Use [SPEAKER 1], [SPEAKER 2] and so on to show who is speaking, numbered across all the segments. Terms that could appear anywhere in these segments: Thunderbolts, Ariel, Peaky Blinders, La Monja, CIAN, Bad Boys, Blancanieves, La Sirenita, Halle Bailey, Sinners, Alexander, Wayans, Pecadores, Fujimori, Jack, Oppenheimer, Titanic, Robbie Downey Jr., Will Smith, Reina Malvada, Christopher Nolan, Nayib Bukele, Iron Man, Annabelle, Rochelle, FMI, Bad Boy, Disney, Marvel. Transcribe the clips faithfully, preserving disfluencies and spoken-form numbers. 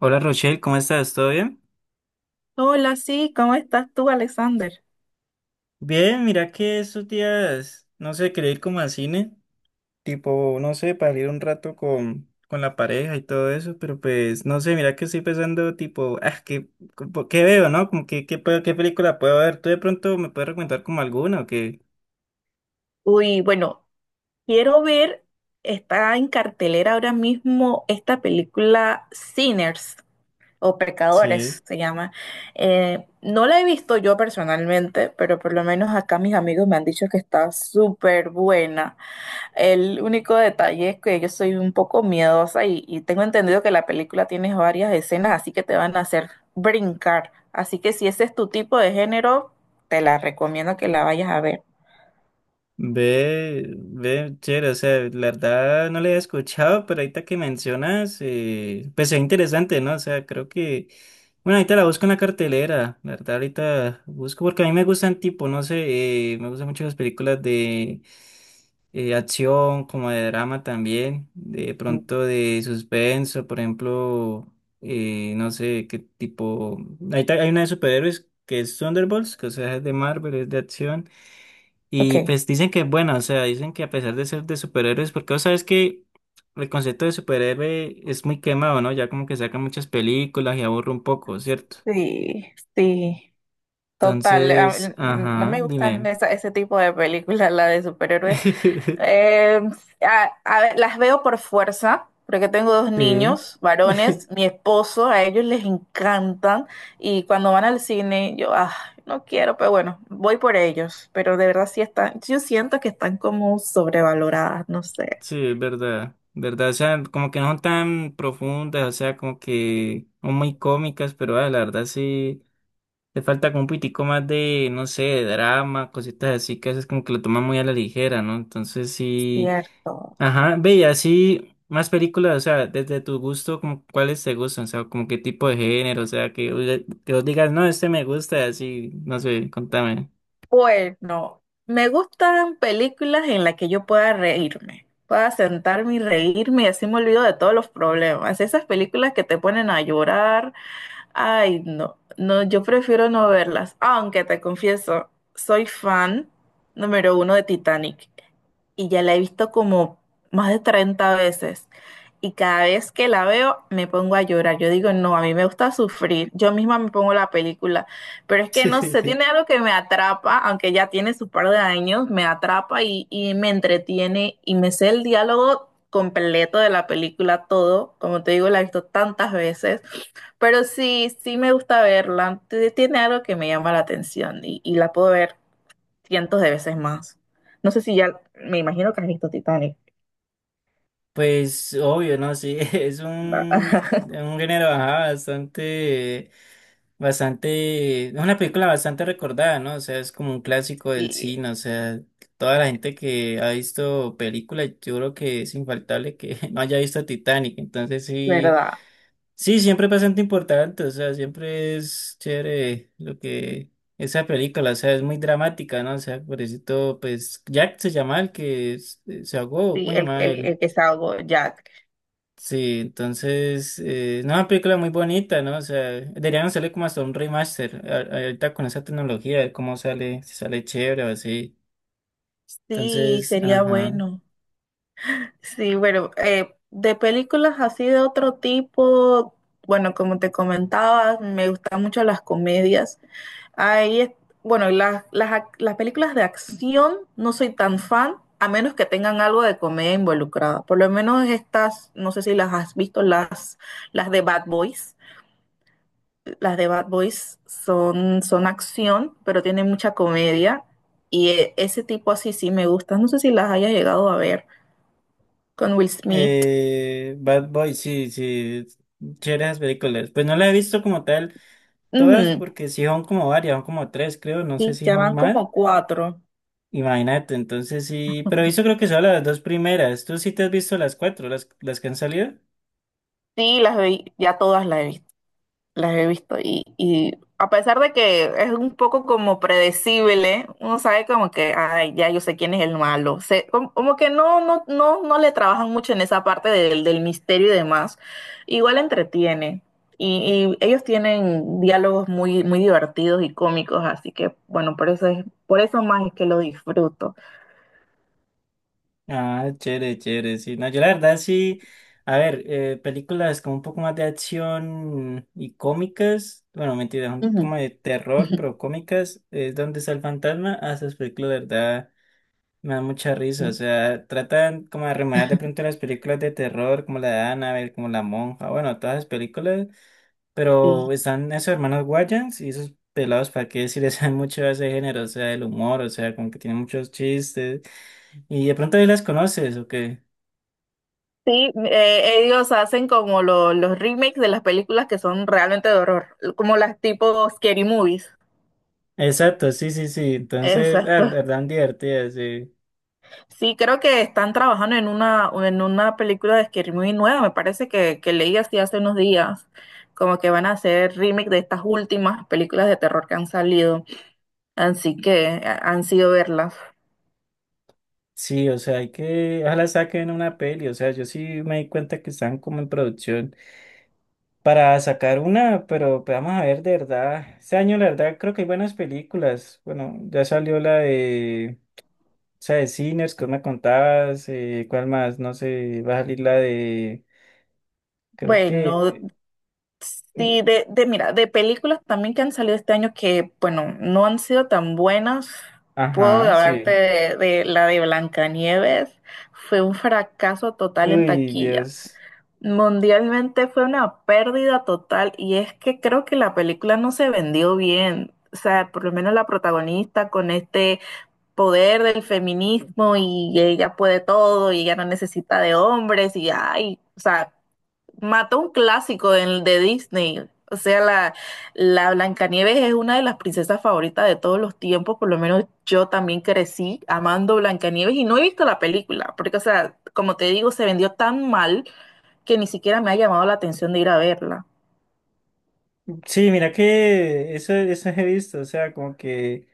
[SPEAKER 1] Hola Rochelle, ¿cómo estás? ¿Todo bien?
[SPEAKER 2] Hola, sí, ¿cómo estás tú, Alexander?
[SPEAKER 1] Bien, mira que estos días, no sé, quería ir como al cine, tipo, no sé, para ir un rato con, con la pareja y todo eso, pero pues, no sé, mira que estoy pensando, tipo, ah, ¿qué, como- qué veo, no? Como que, qué, puedo- ¿qué película puedo ver? ¿Tú de pronto me puedes recomendar como alguna o qué?
[SPEAKER 2] Uy, bueno, quiero ver, está en cartelera ahora mismo esta película Sinners o Pecadores
[SPEAKER 1] Sí.
[SPEAKER 2] se llama. Eh, no la he visto yo personalmente, pero por lo menos acá mis amigos me han dicho que está súper buena. El único detalle es que yo soy un poco miedosa y, y tengo entendido que la película tiene varias escenas, así que te van a hacer brincar. Así que si ese es tu tipo de género, te la recomiendo que la vayas a ver.
[SPEAKER 1] Ve, ve, chévere, o sea, la verdad no le había escuchado, pero ahorita que mencionas, eh, pues es interesante, ¿no? O sea, creo que, bueno, ahorita la busco en la cartelera, la verdad ahorita busco, porque a mí me gustan tipo, no sé, eh, me gustan mucho las películas de eh, acción, como de drama también, de pronto de suspenso, por ejemplo, eh, no sé, qué tipo, ahorita hay una de superhéroes que es Thunderbolts, que o sea, es de Marvel, es de acción.
[SPEAKER 2] Ok,
[SPEAKER 1] Y pues dicen que es buena, o sea, dicen que a pesar de ser de superhéroes, porque vos sabes que el concepto de superhéroe es muy quemado, ¿no? Ya como que sacan muchas películas y aburre un poco, ¿cierto?
[SPEAKER 2] sí, sí, total. a-
[SPEAKER 1] Entonces,
[SPEAKER 2] n- No
[SPEAKER 1] ajá,
[SPEAKER 2] me gustan
[SPEAKER 1] dime.
[SPEAKER 2] esa- ese tipo de películas, la de superhéroes. Eh, a- a ver, las veo por fuerza, porque tengo dos
[SPEAKER 1] Sí.
[SPEAKER 2] niños, varones, mi esposo, a ellos les encantan y cuando van al cine yo, ah, no quiero, pero bueno, voy por ellos, pero de verdad sí están, yo siento que están como sobrevaloradas, no sé.
[SPEAKER 1] Sí, es verdad, verdad, o sea, como que no son tan profundas, o sea, como que son muy cómicas, pero ah, la verdad sí. Le falta como un pitico más de, no sé, de drama, cositas así que a veces como que lo toman muy a la ligera, ¿no? Entonces sí.
[SPEAKER 2] Cierto.
[SPEAKER 1] Ajá, ve, y así más películas, o sea, desde tu gusto, como cuáles te gustan, o sea, como qué tipo de género, o sea, que, vos que vos digas, no, este me gusta, así, no sé, contame.
[SPEAKER 2] Bueno, me gustan películas en las que yo pueda reírme, pueda sentarme y reírme y así me olvido de todos los problemas. Esas películas que te ponen a llorar, ay, no, no, yo prefiero no verlas, aunque te confieso, soy fan número uno de Titanic y ya la he visto como más de treinta veces y cada vez que la veo me pongo a llorar. Yo digo, no, a mí me gusta sufrir, yo misma me pongo la película, pero es que no sé, tiene algo que me atrapa, aunque ya tiene su par de años, me atrapa y, y me entretiene y me sé el diálogo completo de la película, todo, como te digo, la he visto tantas veces. Pero sí, sí me gusta verla. T- Tiene algo que me llama la atención y, y la puedo ver cientos de veces más. No sé si ya, me imagino que has visto Titanic,
[SPEAKER 1] Pues obvio, ¿no? Sí, es
[SPEAKER 2] ¿verdad?
[SPEAKER 1] un, un género, ajá, bastante. Bastante, es una película bastante recordada, ¿no? O sea, es como un clásico del
[SPEAKER 2] Sí,
[SPEAKER 1] cine, o sea, toda la gente que ha visto películas, yo creo que es infaltable que no haya visto Titanic, entonces sí,
[SPEAKER 2] ¿verdad?
[SPEAKER 1] sí, siempre es bastante importante, o sea, siempre es chévere lo que esa película, o sea, es muy dramática, ¿no? O sea, por eso, pues, Jack se llama el que es- eh, se ahogó,
[SPEAKER 2] Sí,
[SPEAKER 1] ¿cómo se
[SPEAKER 2] el,
[SPEAKER 1] llamaba
[SPEAKER 2] el,
[SPEAKER 1] él?
[SPEAKER 2] el que es algo Jack.
[SPEAKER 1] Sí, entonces, eh, no, una película muy bonita, ¿no? O sea, deberían salir como hasta un remaster, a- ahorita con esa tecnología, a ver cómo sale, si sale chévere o así.
[SPEAKER 2] Sí,
[SPEAKER 1] Entonces,
[SPEAKER 2] sería
[SPEAKER 1] ajá.
[SPEAKER 2] bueno. Sí, bueno, eh, de películas así de otro tipo, bueno, como te comentaba, me gustan mucho las comedias. Ahí es, bueno, y las, las, ac- las películas de acción no soy tan fan, a menos que tengan algo de comedia involucrada. Por lo menos estas, no sé si las has visto, las, las de Bad Boys. Las de Bad Boys son, son acción, pero tienen mucha comedia. Y eh, ese tipo así sí me gusta. No sé si las hayas llegado a ver con Will Smith.
[SPEAKER 1] Eh, Bad Boy, sí, sí, chévere esas películas. Pues no la he visto como tal todas,
[SPEAKER 2] Ujú.
[SPEAKER 1] porque sí son como varias, son como tres, creo, no sé
[SPEAKER 2] Sí,
[SPEAKER 1] si
[SPEAKER 2] ya
[SPEAKER 1] son
[SPEAKER 2] van
[SPEAKER 1] más.
[SPEAKER 2] como cuatro.
[SPEAKER 1] Imagínate, entonces sí, pero he visto creo que son las dos primeras. ¿Tú sí te has visto las cuatro, las, las que han salido?
[SPEAKER 2] Sí, las vi, ya todas las he visto. Las he visto y, y a pesar de que es un poco como predecible, uno sabe como que, ay, ya yo sé quién es el malo. Se, como, como que no, no, no, no le trabajan mucho en esa parte del, del misterio y demás. Igual entretiene. Y, y ellos tienen diálogos muy, muy divertidos y cómicos, así que bueno, por eso es, por eso más es que lo disfruto.
[SPEAKER 1] Ah, chévere, chévere, sí. No, yo la verdad sí, a ver, eh, películas como un poco más de acción y cómicas, bueno, mentira, son
[SPEAKER 2] Ujú,
[SPEAKER 1] como de terror,
[SPEAKER 2] ujú,
[SPEAKER 1] pero cómicas, es donde está el fantasma, a esas películas, la verdad, me da mucha risa, o sea, tratan como de rememorar de pronto las películas de terror, como la de Annabelle, como La Monja, bueno, todas las películas,
[SPEAKER 2] ujú.
[SPEAKER 1] pero están esos hermanos Wayans y esos pelados, ¿para qué decir? Saben mucho de ese género, o sea, del humor, o sea, como que tienen muchos chistes. Y de pronto ahí las conoces, ¿o qué?
[SPEAKER 2] Sí, eh, ellos hacen como lo- los remakes de las películas que son realmente de horror, como las tipo scary movies.
[SPEAKER 1] Exacto, sí, sí, sí. Entonces, ah, la
[SPEAKER 2] Exacto.
[SPEAKER 1] verdad, divertidas, sí.
[SPEAKER 2] Sí, creo que están trabajando en una, en una película de scary movie nueva, me parece que, que leí así hace unos días, como que van a hacer remake de estas últimas películas de terror que han salido, así que eh, han sido verlas.
[SPEAKER 1] Sí, o sea, hay que, ojalá saquen una peli, o sea, yo sí me di cuenta que están como en producción para sacar una, pero pues, vamos a ver, de verdad. Este año, la verdad, creo que hay buenas películas. Bueno, ya salió la de… O sea, de Sinners, ¿qué me contabas? Eh, ¿cuál más? No sé, va a salir la de… Creo
[SPEAKER 2] Bueno,
[SPEAKER 1] que… mm,
[SPEAKER 2] sí, de, de, mira, de películas también que han salido este año que, bueno, no han sido tan buenas. Puedo
[SPEAKER 1] Ajá, sí.
[SPEAKER 2] hablarte de, de, la de Blancanieves. Fue un fracaso total en
[SPEAKER 1] Uy,
[SPEAKER 2] taquilla.
[SPEAKER 1] Dios.
[SPEAKER 2] Mundialmente fue una pérdida total y es que creo que la película no se vendió bien. O sea, por lo menos la protagonista con este poder del feminismo y ella puede todo y ella no necesita de hombres y ay, o sea, mató un clásico de, de Disney. O sea, la, la Blancanieves es una de las princesas favoritas de todos los tiempos. Por lo menos yo también crecí amando Blancanieves y no he visto la película, porque, o sea, como te digo, se vendió tan mal que ni siquiera me ha llamado la atención de ir a verla.
[SPEAKER 1] Sí, mira que eso, eso he visto, o sea, como que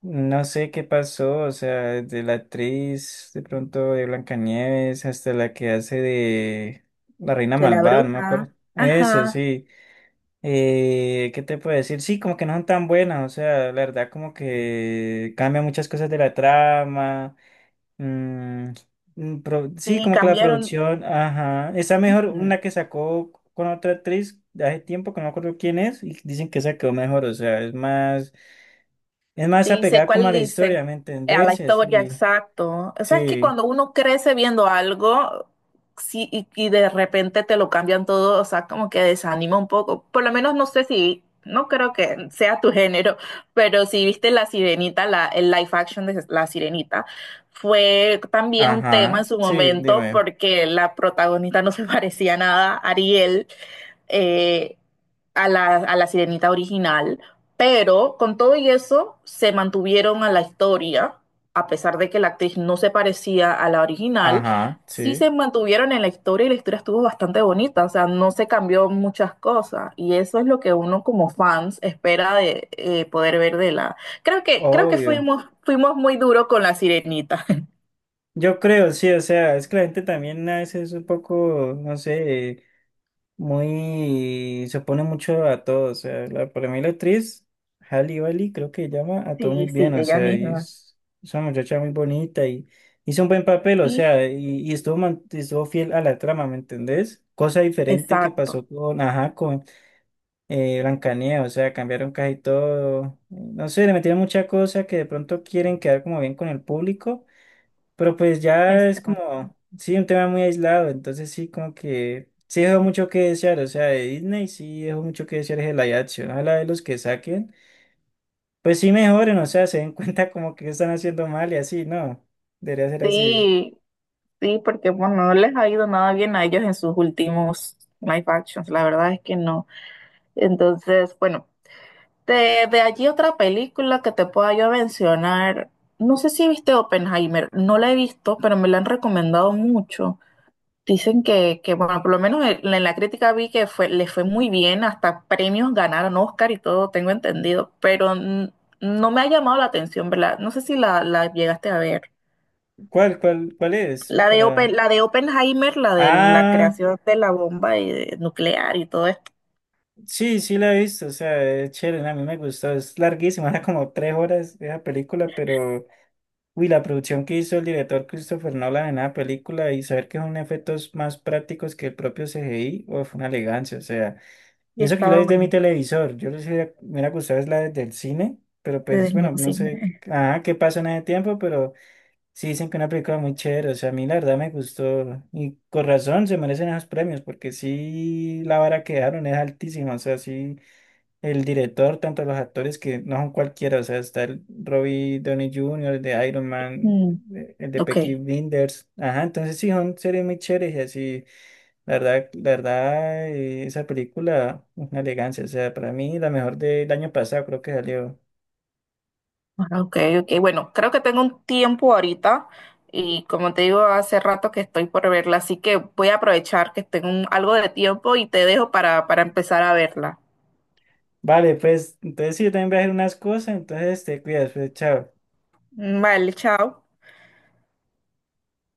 [SPEAKER 1] no sé qué pasó, o sea, de la actriz de pronto de Blancanieves hasta la que hace de la Reina
[SPEAKER 2] De la
[SPEAKER 1] Malvada, no me
[SPEAKER 2] bruja.
[SPEAKER 1] acuerdo. Eso,
[SPEAKER 2] Ajá.
[SPEAKER 1] sí. Eh, ¿qué te puedo decir? Sí, como que no son tan buenas, o sea, la verdad como que cambia muchas cosas de la trama. Mm, mm, pro- sí,
[SPEAKER 2] Sí,
[SPEAKER 1] como que la
[SPEAKER 2] cambiaron.
[SPEAKER 1] producción, ajá. Está mejor una que sacó con otra actriz de hace tiempo, que no me acuerdo quién es, y dicen que esa quedó mejor, o sea, es más, es más
[SPEAKER 2] Sí, sé
[SPEAKER 1] apegada como a
[SPEAKER 2] cuál
[SPEAKER 1] la historia,
[SPEAKER 2] dice.
[SPEAKER 1] ¿me
[SPEAKER 2] Eh, A la
[SPEAKER 1] entendés? Y
[SPEAKER 2] historia,
[SPEAKER 1] así,
[SPEAKER 2] exacto. O sea, es que
[SPEAKER 1] sí,
[SPEAKER 2] cuando uno crece viendo algo, sí, y, y de repente te lo cambian todo, o sea, como que desanima un poco. Por lo menos no sé si, no creo que sea tu género, pero si viste La Sirenita, la, el live action de La Sirenita, fue también un tema
[SPEAKER 1] ajá,
[SPEAKER 2] en su
[SPEAKER 1] sí,
[SPEAKER 2] momento
[SPEAKER 1] dime,
[SPEAKER 2] porque la protagonista no se parecía nada a Ariel, eh, a la, a la sirenita original, pero con todo y eso se mantuvieron a la historia, a pesar de que la actriz no se parecía a la original,
[SPEAKER 1] ajá,
[SPEAKER 2] sí
[SPEAKER 1] sí,
[SPEAKER 2] se mantuvieron en la historia y la historia estuvo bastante bonita, o sea, no se cambió muchas cosas y eso es lo que uno como fans espera de eh, poder ver de la... Creo que, creo que
[SPEAKER 1] obvio.
[SPEAKER 2] fuimos, fuimos muy duros con la sirenita.
[SPEAKER 1] Yo creo, sí, o sea, es que la gente también a veces es un poco, no sé. Muy, se opone mucho a todo, o sea, la, para mí la actriz, Halle Bailey, creo que llama a todo muy
[SPEAKER 2] Sí, sí,
[SPEAKER 1] bien, o
[SPEAKER 2] ella
[SPEAKER 1] sea, y
[SPEAKER 2] misma.
[SPEAKER 1] es, es una muchacha muy bonita y hizo un buen papel, o
[SPEAKER 2] Sí,
[SPEAKER 1] sea, y, y estuvo, man- estuvo fiel a la trama, ¿me entendés? Cosa diferente que pasó
[SPEAKER 2] exacto,
[SPEAKER 1] con, ajá, con eh, Blancanieves, o sea, cambiaron casi todo, no sé, le metieron mucha cosa que de pronto quieren quedar como bien con el público pero pues ya es
[SPEAKER 2] exacto.
[SPEAKER 1] como, sí, un tema muy aislado, entonces sí, como que sí dejó mucho que desear, o sea, de Disney sí dejó mucho que desear el live action, ojalá de los que saquen, pues sí mejoren, o sea, se den cuenta como que están haciendo mal y así, no, debería ser así.
[SPEAKER 2] Sí, sí, porque bueno, no les ha ido nada bien a ellos en sus últimos live actions, la verdad es que no. Entonces, bueno, de, de allí otra película que te pueda yo mencionar, no sé si viste Oppenheimer, no la he visto, pero me la han recomendado mucho. Dicen que, que bueno, por lo menos en, en, la crítica vi que fue, le fue muy bien, hasta premios ganaron Oscar y todo, tengo entendido, pero mm, no me ha llamado la atención, ¿verdad? No sé si la, la llegaste a ver.
[SPEAKER 1] ¿Cuál, cuál, cuál es?
[SPEAKER 2] La de
[SPEAKER 1] Para…
[SPEAKER 2] Open, la de Oppenheimer, la de la
[SPEAKER 1] Ah,
[SPEAKER 2] creación de la bomba y de- nuclear y todo esto.
[SPEAKER 1] sí, sí la he visto, o sea, es chévere, a mí me gustó, es larguísima, era como tres horas esa película, pero… Uy, la producción que hizo el director Christopher Nolan en la película y saber que son efectos más prácticos que el propio C G I, o fue una elegancia, o sea,
[SPEAKER 2] Y
[SPEAKER 1] y eso que yo la
[SPEAKER 2] estaba
[SPEAKER 1] vi de mi
[SPEAKER 2] bueno,
[SPEAKER 1] televisor, yo no sé, me hubiera gustado es la de- del cine, pero
[SPEAKER 2] desde
[SPEAKER 1] pues
[SPEAKER 2] el
[SPEAKER 1] bueno,
[SPEAKER 2] mismo
[SPEAKER 1] no sé,
[SPEAKER 2] cine.
[SPEAKER 1] ah, qué pasó en ese tiempo, pero sí dicen que es una película muy chévere, o sea, a mí la verdad me gustó, y con razón se merecen esos premios, porque sí, la vara que dejaron es altísima, o sea, sí el director, tanto los actores que no son cualquiera, o sea, está el Robbie Downey junior, el de Iron Man,
[SPEAKER 2] Mm,
[SPEAKER 1] eh, el de
[SPEAKER 2] ok,
[SPEAKER 1] Peaky Blinders, ajá, entonces sí, son series muy chéveres y así, la verdad, la verdad, eh, esa película, una elegancia, o sea, para mí la mejor del año pasado creo que salió.
[SPEAKER 2] ah, ok, ok. Bueno, creo que tengo un tiempo ahorita y como te digo, hace rato que estoy por verla, así que voy a aprovechar que tengo un- algo de tiempo y te dejo para, para, empezar a verla.
[SPEAKER 1] Vale, pues, entonces sí, yo también voy a hacer unas cosas, entonces te cuidas, pues, chao.
[SPEAKER 2] Vale, chao.